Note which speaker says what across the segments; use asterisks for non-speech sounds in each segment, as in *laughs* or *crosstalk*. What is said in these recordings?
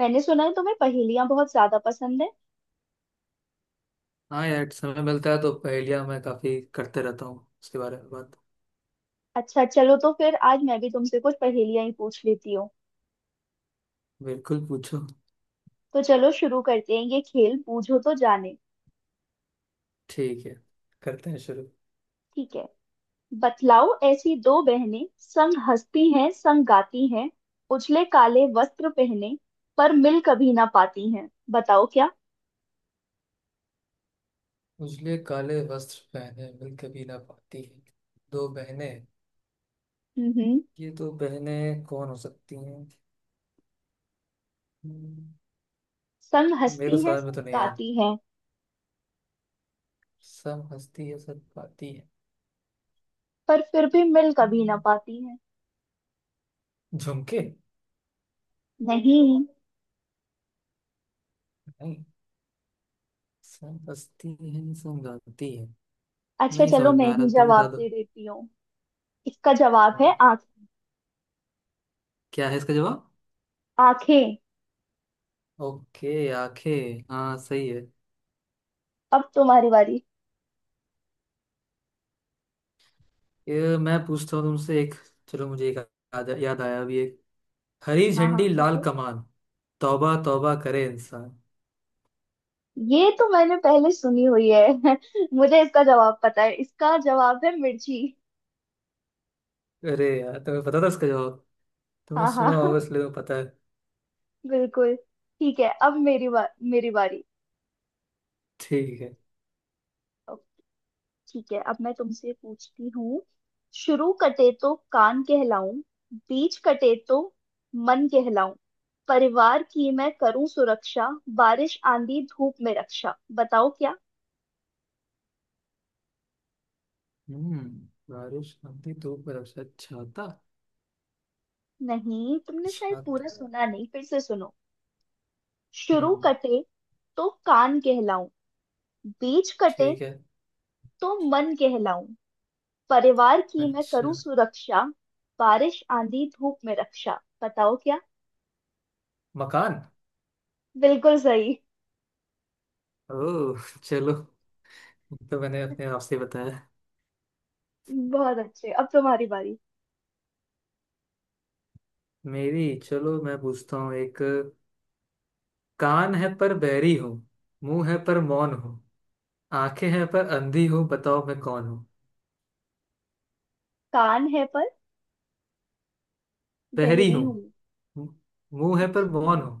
Speaker 1: मैंने सुना है तुम्हें पहेलियां बहुत ज्यादा पसंद है।
Speaker 2: हाँ यार, समय मिलता है तो पहेलियाँ मैं काफी करते रहता हूँ। उसके बारे में बात।
Speaker 1: अच्छा चलो, तो फिर आज मैं भी तुमसे कुछ पहेलियां ही पूछ लेती हूँ।
Speaker 2: बिल्कुल, पूछो।
Speaker 1: तो चलो शुरू करते हैं ये खेल, बूझो तो जाने।
Speaker 2: ठीक है, करते हैं शुरू।
Speaker 1: ठीक है, बतलाओ, ऐसी दो बहनें संग हंसती हैं, संग गाती हैं, उजले काले वस्त्र पहने, पर मिल कभी ना पाती हैं, बताओ क्या।
Speaker 2: उजले काले वस्त्र पहने मिल कभी ना पाती है। दो बहने।
Speaker 1: हम्म
Speaker 2: ये दो बहनें कौन हो सकती हैं। हम्म,
Speaker 1: संग
Speaker 2: मेरे को
Speaker 1: हंसती हैं,
Speaker 2: समझ में
Speaker 1: संग
Speaker 2: तो नहीं आया।
Speaker 1: गाती हैं,
Speaker 2: सब हंसती है सब गाती है।
Speaker 1: पर फिर भी मिल कभी ना
Speaker 2: हम्म,
Speaker 1: पाती हैं।
Speaker 2: झुमके।
Speaker 1: नहीं।
Speaker 2: नहीं, सब हंसती है सब गाती है।
Speaker 1: अच्छा
Speaker 2: नहीं
Speaker 1: चलो,
Speaker 2: समझ
Speaker 1: मैं
Speaker 2: में आ रहा
Speaker 1: ही
Speaker 2: तुम्हें
Speaker 1: जवाब
Speaker 2: दादा।
Speaker 1: दे देती हूँ। इसका जवाब
Speaker 2: हाँ,
Speaker 1: है आंख,
Speaker 2: क्या है इसका जवाब।
Speaker 1: आंखें।
Speaker 2: ओके, आंखें। हाँ सही है।
Speaker 1: अब तुम्हारी बारी।
Speaker 2: ये मैं पूछता हूँ तुमसे एक। चलो, मुझे एक याद याद आया अभी एक। हरी
Speaker 1: हाँ हाँ,
Speaker 2: झंडी लाल
Speaker 1: पूछो।
Speaker 2: कमान, तौबा तौबा करे इंसान।
Speaker 1: ये तो मैंने पहले सुनी हुई है। *laughs* मुझे इसका जवाब पता है, इसका जवाब है मिर्ची।
Speaker 2: अरे यार, तुम्हें पता था इसका जवाब। तुम्हें
Speaker 1: हाँ हाँ।
Speaker 2: सुना होगा
Speaker 1: *laughs*
Speaker 2: इसलिए तुम्हें पता है।
Speaker 1: बिल्कुल। ठीक है, अब मेरी बारी।
Speaker 2: ठीक है।
Speaker 1: अब ठीक है, अब मैं तुमसे पूछती हूँ। शुरू कटे तो कान कहलाऊं, बीच कटे तो मन कहलाऊं, परिवार की मैं करूं सुरक्षा, बारिश आंधी धूप में रक्षा, बताओ क्या।
Speaker 2: हम्म। बारिश आती धूप में रक्षा, छाता।
Speaker 1: नहीं, तुमने शायद पूरा
Speaker 2: छाता।
Speaker 1: सुना नहीं, फिर से सुनो। शुरू
Speaker 2: हम्म।
Speaker 1: कटे तो कान कहलाऊं, बीच कटे
Speaker 2: ठीक है।
Speaker 1: तो मन कहलाऊं, परिवार की मैं
Speaker 2: अच्छा।
Speaker 1: करूं सुरक्षा, बारिश आंधी धूप में रक्षा, बताओ क्या।
Speaker 2: मकान।
Speaker 1: बिल्कुल सही।
Speaker 2: ओ। चलो, तो मैंने अपने आप से बताया।
Speaker 1: बहुत अच्छे, अब तुम्हारी बारी।
Speaker 2: मेरी, चलो मैं पूछता हूँ एक। कान है पर बहरी हूँ, मुंह है पर मौन हूँ, आंखें हैं पर अंधी हूँ, बताओ मैं कौन हूँ।
Speaker 1: कान है पर
Speaker 2: बहरी
Speaker 1: बहरी
Speaker 2: हूँ।
Speaker 1: हूँ।
Speaker 2: मु- मुंह है पर
Speaker 1: अच्छा,
Speaker 2: मौन हूँ।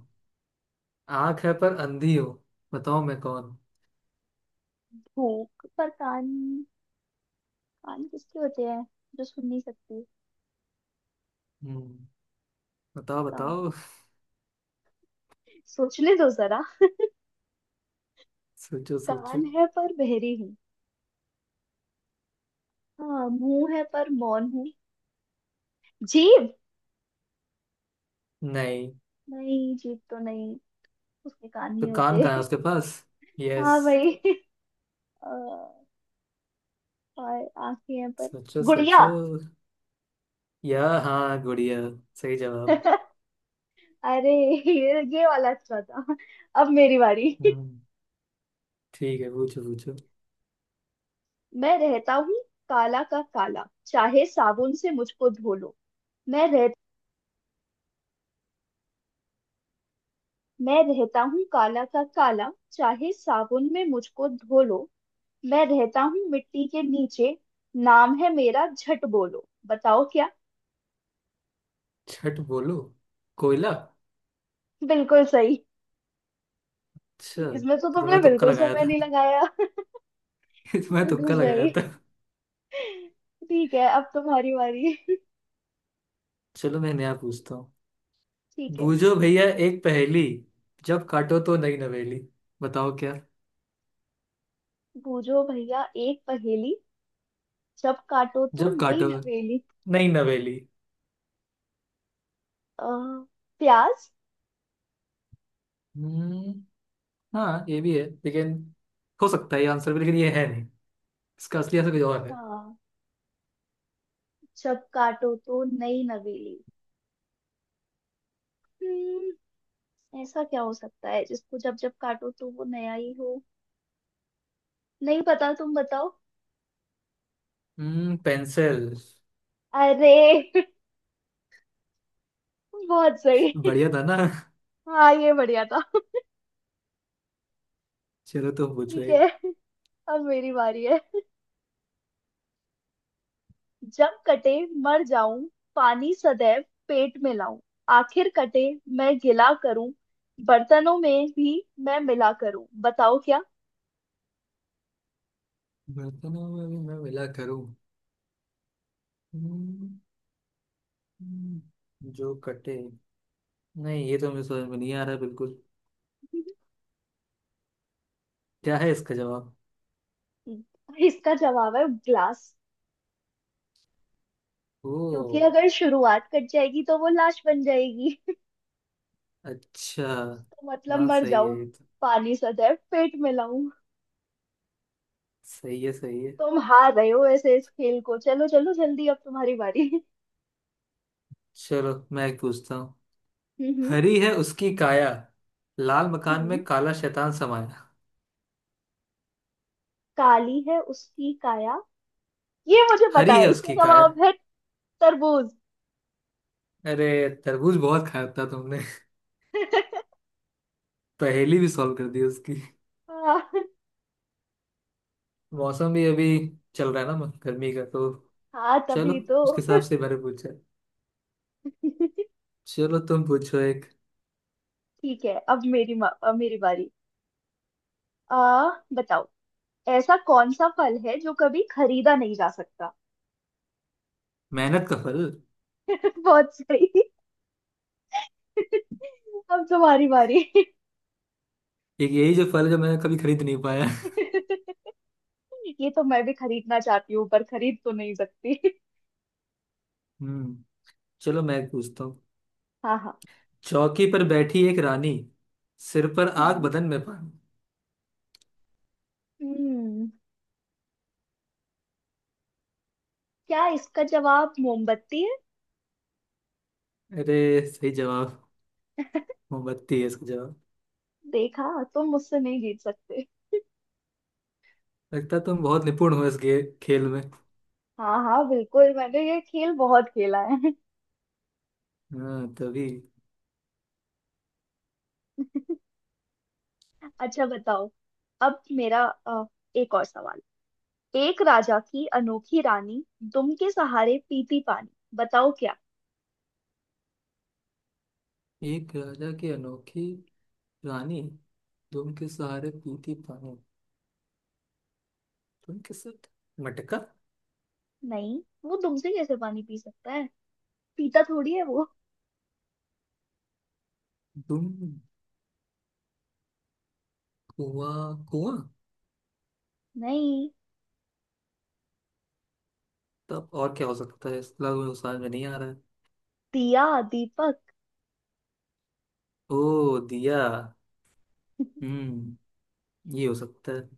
Speaker 2: आंख है पर अंधी हूँ, बताओ मैं कौन हूँ।
Speaker 1: भूख पर कान, कान किसके होते हैं, जो सुन नहीं सकती।
Speaker 2: हम्म, बताओ
Speaker 1: कान,
Speaker 2: बताओ *laughs*
Speaker 1: सोचने दो जरा।
Speaker 2: सोचो सोचो।
Speaker 1: कान है पर बहरी हूँ, हाँ, मुंह है पर मौन हूँ, जीभ।
Speaker 2: नहीं,
Speaker 1: नहीं, जीभ तो नहीं, उसके कान
Speaker 2: तो
Speaker 1: नहीं
Speaker 2: कान
Speaker 1: होते।
Speaker 2: कहाँ है
Speaker 1: *laughs*
Speaker 2: उसके पास।
Speaker 1: हाँ
Speaker 2: यस।
Speaker 1: भाई। अ, और आंखें हैं पर,
Speaker 2: सोचो सोचो।
Speaker 1: गुड़िया।
Speaker 2: या हाँ, गुड़िया। सही जवाब।
Speaker 1: *laughs* अरे, ये वाला अच्छा था। अब मेरी बारी। *laughs*
Speaker 2: हम्म। ठीक है, पूछो पूछो।
Speaker 1: मैं रहता हूँ काला का काला, चाहे साबुन से मुझको धो लो। मैं रह मैं रहता हूँ काला का काला, चाहे साबुन में मुझको धो लो। मैं रहता हूँ मिट्टी के नीचे, नाम है मेरा झट बोलो, बताओ क्या।
Speaker 2: छठ बोलो। कोयला।
Speaker 1: बिल्कुल सही।
Speaker 2: अच्छा,
Speaker 1: इसमें तो
Speaker 2: तो
Speaker 1: तुमने
Speaker 2: तुम्हें तुक्का
Speaker 1: बिल्कुल
Speaker 2: लगाया
Speaker 1: समय नहीं
Speaker 2: था।
Speaker 1: लगाया। *laughs*
Speaker 2: *laughs* तुम्हें
Speaker 1: बिल्कुल
Speaker 2: तुक्का लगाया
Speaker 1: सही।
Speaker 2: था।
Speaker 1: ठीक है, अब तुम्हारी बारी। *laughs*
Speaker 2: चलो मैं नया पूछता हूँ।
Speaker 1: ठीक है।
Speaker 2: बूझो भैया एक पहेली, जब काटो तो नई नवेली, बताओ क्या।
Speaker 1: बूझो भैया एक पहेली, जब काटो तो
Speaker 2: जब
Speaker 1: नई
Speaker 2: काटो,
Speaker 1: नवेली।
Speaker 2: नई नवेली।
Speaker 1: अ, प्याज।
Speaker 2: हम्म। हाँ ये भी है, लेकिन हो सकता है ये आंसर भी, लेकिन ये है नहीं। इसका असली आंसर कुछ और है।
Speaker 1: हाँ, जब काटो तो नई नवेली। हम्म, ऐसा क्या हो सकता है जिसको जब जब काटो तो वो नया ही हो। नहीं पता, तुम बताओ।
Speaker 2: हम्म, पेंसिल।
Speaker 1: अरे। *laughs* बहुत सही।
Speaker 2: बढ़िया था ना।
Speaker 1: हाँ, ये बढ़िया था।
Speaker 2: चलो तो पूछो
Speaker 1: ठीक
Speaker 2: एक।
Speaker 1: है, अब मेरी बारी है। जब कटे मर जाऊं, पानी सदैव पेट में लाऊं, आखिर कटे मैं गिला करूं, बर्तनों में भी मैं मिला करूं, बताओ क्या।
Speaker 2: बर्तनों में भी मैं मिला करूं। हम्म, हम्म, जो कटे। नहीं, ये तो मुझे समझ में नहीं आ रहा बिल्कुल। क्या है इसका जवाब।
Speaker 1: *laughs* इसका जवाब है ग्लास, क्योंकि
Speaker 2: ओ।
Speaker 1: अगर शुरुआत कट जाएगी तो वो लाश बन जाएगी। *laughs*
Speaker 2: अच्छा।
Speaker 1: तो मतलब
Speaker 2: हाँ
Speaker 1: मर
Speaker 2: सही है
Speaker 1: जाऊं,
Speaker 2: ये तो।
Speaker 1: पानी सदैव पेट में लाऊं।
Speaker 2: सही है, सही है।
Speaker 1: तुम हार रहे हो ऐसे इस खेल को, चलो चलो जल्दी, अब तुम्हारी बारी। *laughs*
Speaker 2: चलो मैं एक पूछता हूँ।
Speaker 1: हम्म।
Speaker 2: हरी है उसकी काया, लाल मकान
Speaker 1: हम्म।
Speaker 2: में काला शैतान समाया।
Speaker 1: काली है उसकी काया, ये मुझे पता
Speaker 2: हरी है
Speaker 1: है, इसका
Speaker 2: उसकी काया।
Speaker 1: जवाब है तरबूज।
Speaker 2: अरे, तरबूज बहुत खाया था तुमने।
Speaker 1: *laughs*
Speaker 2: *laughs* पहेली भी सॉल्व कर दी उसकी।
Speaker 1: हाँ
Speaker 2: मौसम भी अभी चल रहा है ना, गर्मी का तो।
Speaker 1: हाँ,
Speaker 2: चलो,
Speaker 1: तभी तो।
Speaker 2: उसके हिसाब से मैंने पूछा।
Speaker 1: ठीक
Speaker 2: चलो तुम पूछो एक।
Speaker 1: है, अब अब मेरी बारी। आ, बताओ, ऐसा कौन सा फल है जो कभी खरीदा नहीं जा सकता।
Speaker 2: मेहनत का फल।
Speaker 1: *laughs* बहुत सही। *laughs* अब तुम्हारी बारी।
Speaker 2: एक यही जो फल है जो मैंने कभी खरीद नहीं पाया। *laughs*
Speaker 1: *laughs* ये तो मैं भी खरीदना चाहती हूँ पर खरीद तो नहीं सकती। *laughs*
Speaker 2: हम्म। चलो मैं एक पूछता हूँ।
Speaker 1: हाँ हाँ।
Speaker 2: चौकी पर बैठी एक रानी, सिर पर आग
Speaker 1: हम्म
Speaker 2: बदन में पानी।
Speaker 1: हम्म, क्या इसका जवाब मोमबत्ती है।
Speaker 2: अरे, सही जवाब। मोमबत्ती है इसका।
Speaker 1: देखा, तुम मुझसे नहीं जीत सकते।
Speaker 2: लगता है तुम बहुत निपुण हो इस खेल में।
Speaker 1: हाँ हाँ बिल्कुल, मैंने ये खेल बहुत खेला है।
Speaker 2: हाँ तभी।
Speaker 1: अच्छा बताओ, अब मेरा, एक और सवाल। एक राजा की अनोखी रानी, दुम के सहारे पीती पानी, बताओ क्या।
Speaker 2: एक राजा की अनोखी रानी, दुम के सहारे पीती पानी। तुम के साथ, मटका।
Speaker 1: नहीं, वो दुम से कैसे पानी पी सकता है, पीता थोड़ी है वो।
Speaker 2: दुम, कुआं कुआं।
Speaker 1: नहीं,
Speaker 2: तब और क्या हो सकता है, इसका मुझे समझ में नहीं आ रहा है।
Speaker 1: दिया, दीपक।
Speaker 2: ओ, दिया। हम्म, ये हो सकता है।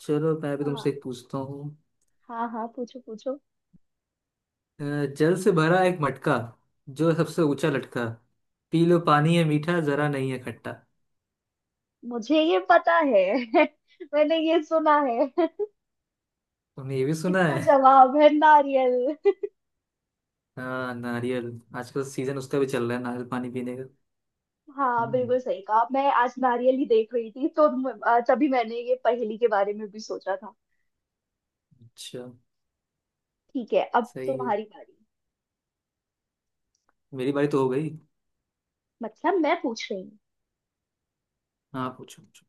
Speaker 2: चलो मैं भी
Speaker 1: हाँ
Speaker 2: तुमसे एक पूछता हूँ।
Speaker 1: हाँ, हाँ पूछो पूछो।
Speaker 2: अ, जल से भरा एक मटका, जो सबसे ऊंचा लटका, पी लो पानी है मीठा जरा नहीं है खट्टा।
Speaker 1: मुझे ये पता है। *laughs* मैंने ये सुना है। *laughs*
Speaker 2: तुमने ये भी सुना
Speaker 1: इसका
Speaker 2: है।
Speaker 1: जवाब है नारियल।
Speaker 2: हाँ, नारियल। आजकल सीजन उसका भी चल रहा है, नारियल पानी पीने का।
Speaker 1: *laughs* हाँ
Speaker 2: हम्म।
Speaker 1: बिल्कुल सही कहा, मैं आज नारियल ही देख रही थी, तो तभी मैंने ये पहेली के बारे में भी सोचा था।
Speaker 2: अच्छा।
Speaker 1: ठीक है, अब
Speaker 2: सही है।
Speaker 1: तुम्हारी बारी।
Speaker 2: मेरी बारी तो हो गई।
Speaker 1: मतलब मैं पूछ रही हूँ।
Speaker 2: हाँ, पूछो पूछो।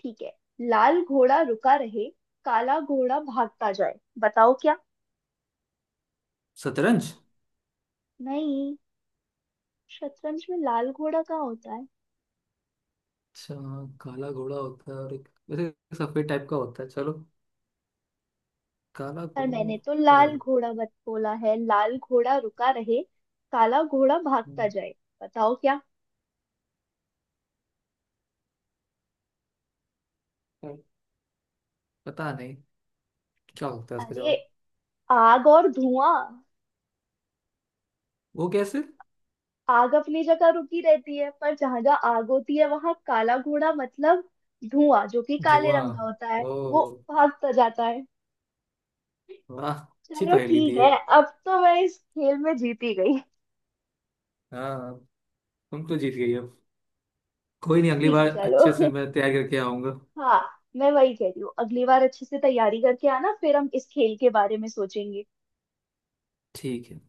Speaker 1: ठीक है, लाल घोड़ा रुका रहे, काला घोड़ा भागता जाए, बताओ क्या।
Speaker 2: शतरंज।
Speaker 1: नहीं, शतरंज में लाल घोड़ा कहाँ होता है।
Speaker 2: अच्छा हाँ, काला घोड़ा होता है और एक वैसे एक सफेद टाइप का होता है। चलो, काला
Speaker 1: पर
Speaker 2: घोड़ा,
Speaker 1: मैंने तो
Speaker 2: अरे।
Speaker 1: लाल घोड़ा बत बोला है, लाल घोड़ा रुका रहे, काला घोड़ा भागता
Speaker 2: हम्म,
Speaker 1: जाए, बताओ क्या।
Speaker 2: पर पता नहीं क्या होता है उसका
Speaker 1: अरे,
Speaker 2: जवाब।
Speaker 1: आग और धुआं।
Speaker 2: वो कैसे।
Speaker 1: आग अपनी जगह रुकी रहती है, पर जहां जहां आग होती है वहां काला घोड़ा, मतलब धुआं, जो कि काले रंग
Speaker 2: धुआं।
Speaker 1: का होता है,
Speaker 2: ओ।
Speaker 1: वो भागता जाता है।
Speaker 2: वाह, अच्छी
Speaker 1: चलो
Speaker 2: पहेली
Speaker 1: ठीक
Speaker 2: दी है।
Speaker 1: है, अब तो मैं इस खेल में जीत ही गई।
Speaker 2: हाँ, तुम तो जीत गई अब। कोई नहीं, अगली
Speaker 1: ठीक है
Speaker 2: बार
Speaker 1: चलो।
Speaker 2: अच्छे से
Speaker 1: *laughs*
Speaker 2: मैं तैयार करके आऊंगा।
Speaker 1: हाँ, मैं वही कह रही हूँ, अगली बार अच्छे से तैयारी करके आना, फिर हम इस खेल के बारे में सोचेंगे।
Speaker 2: ठीक है।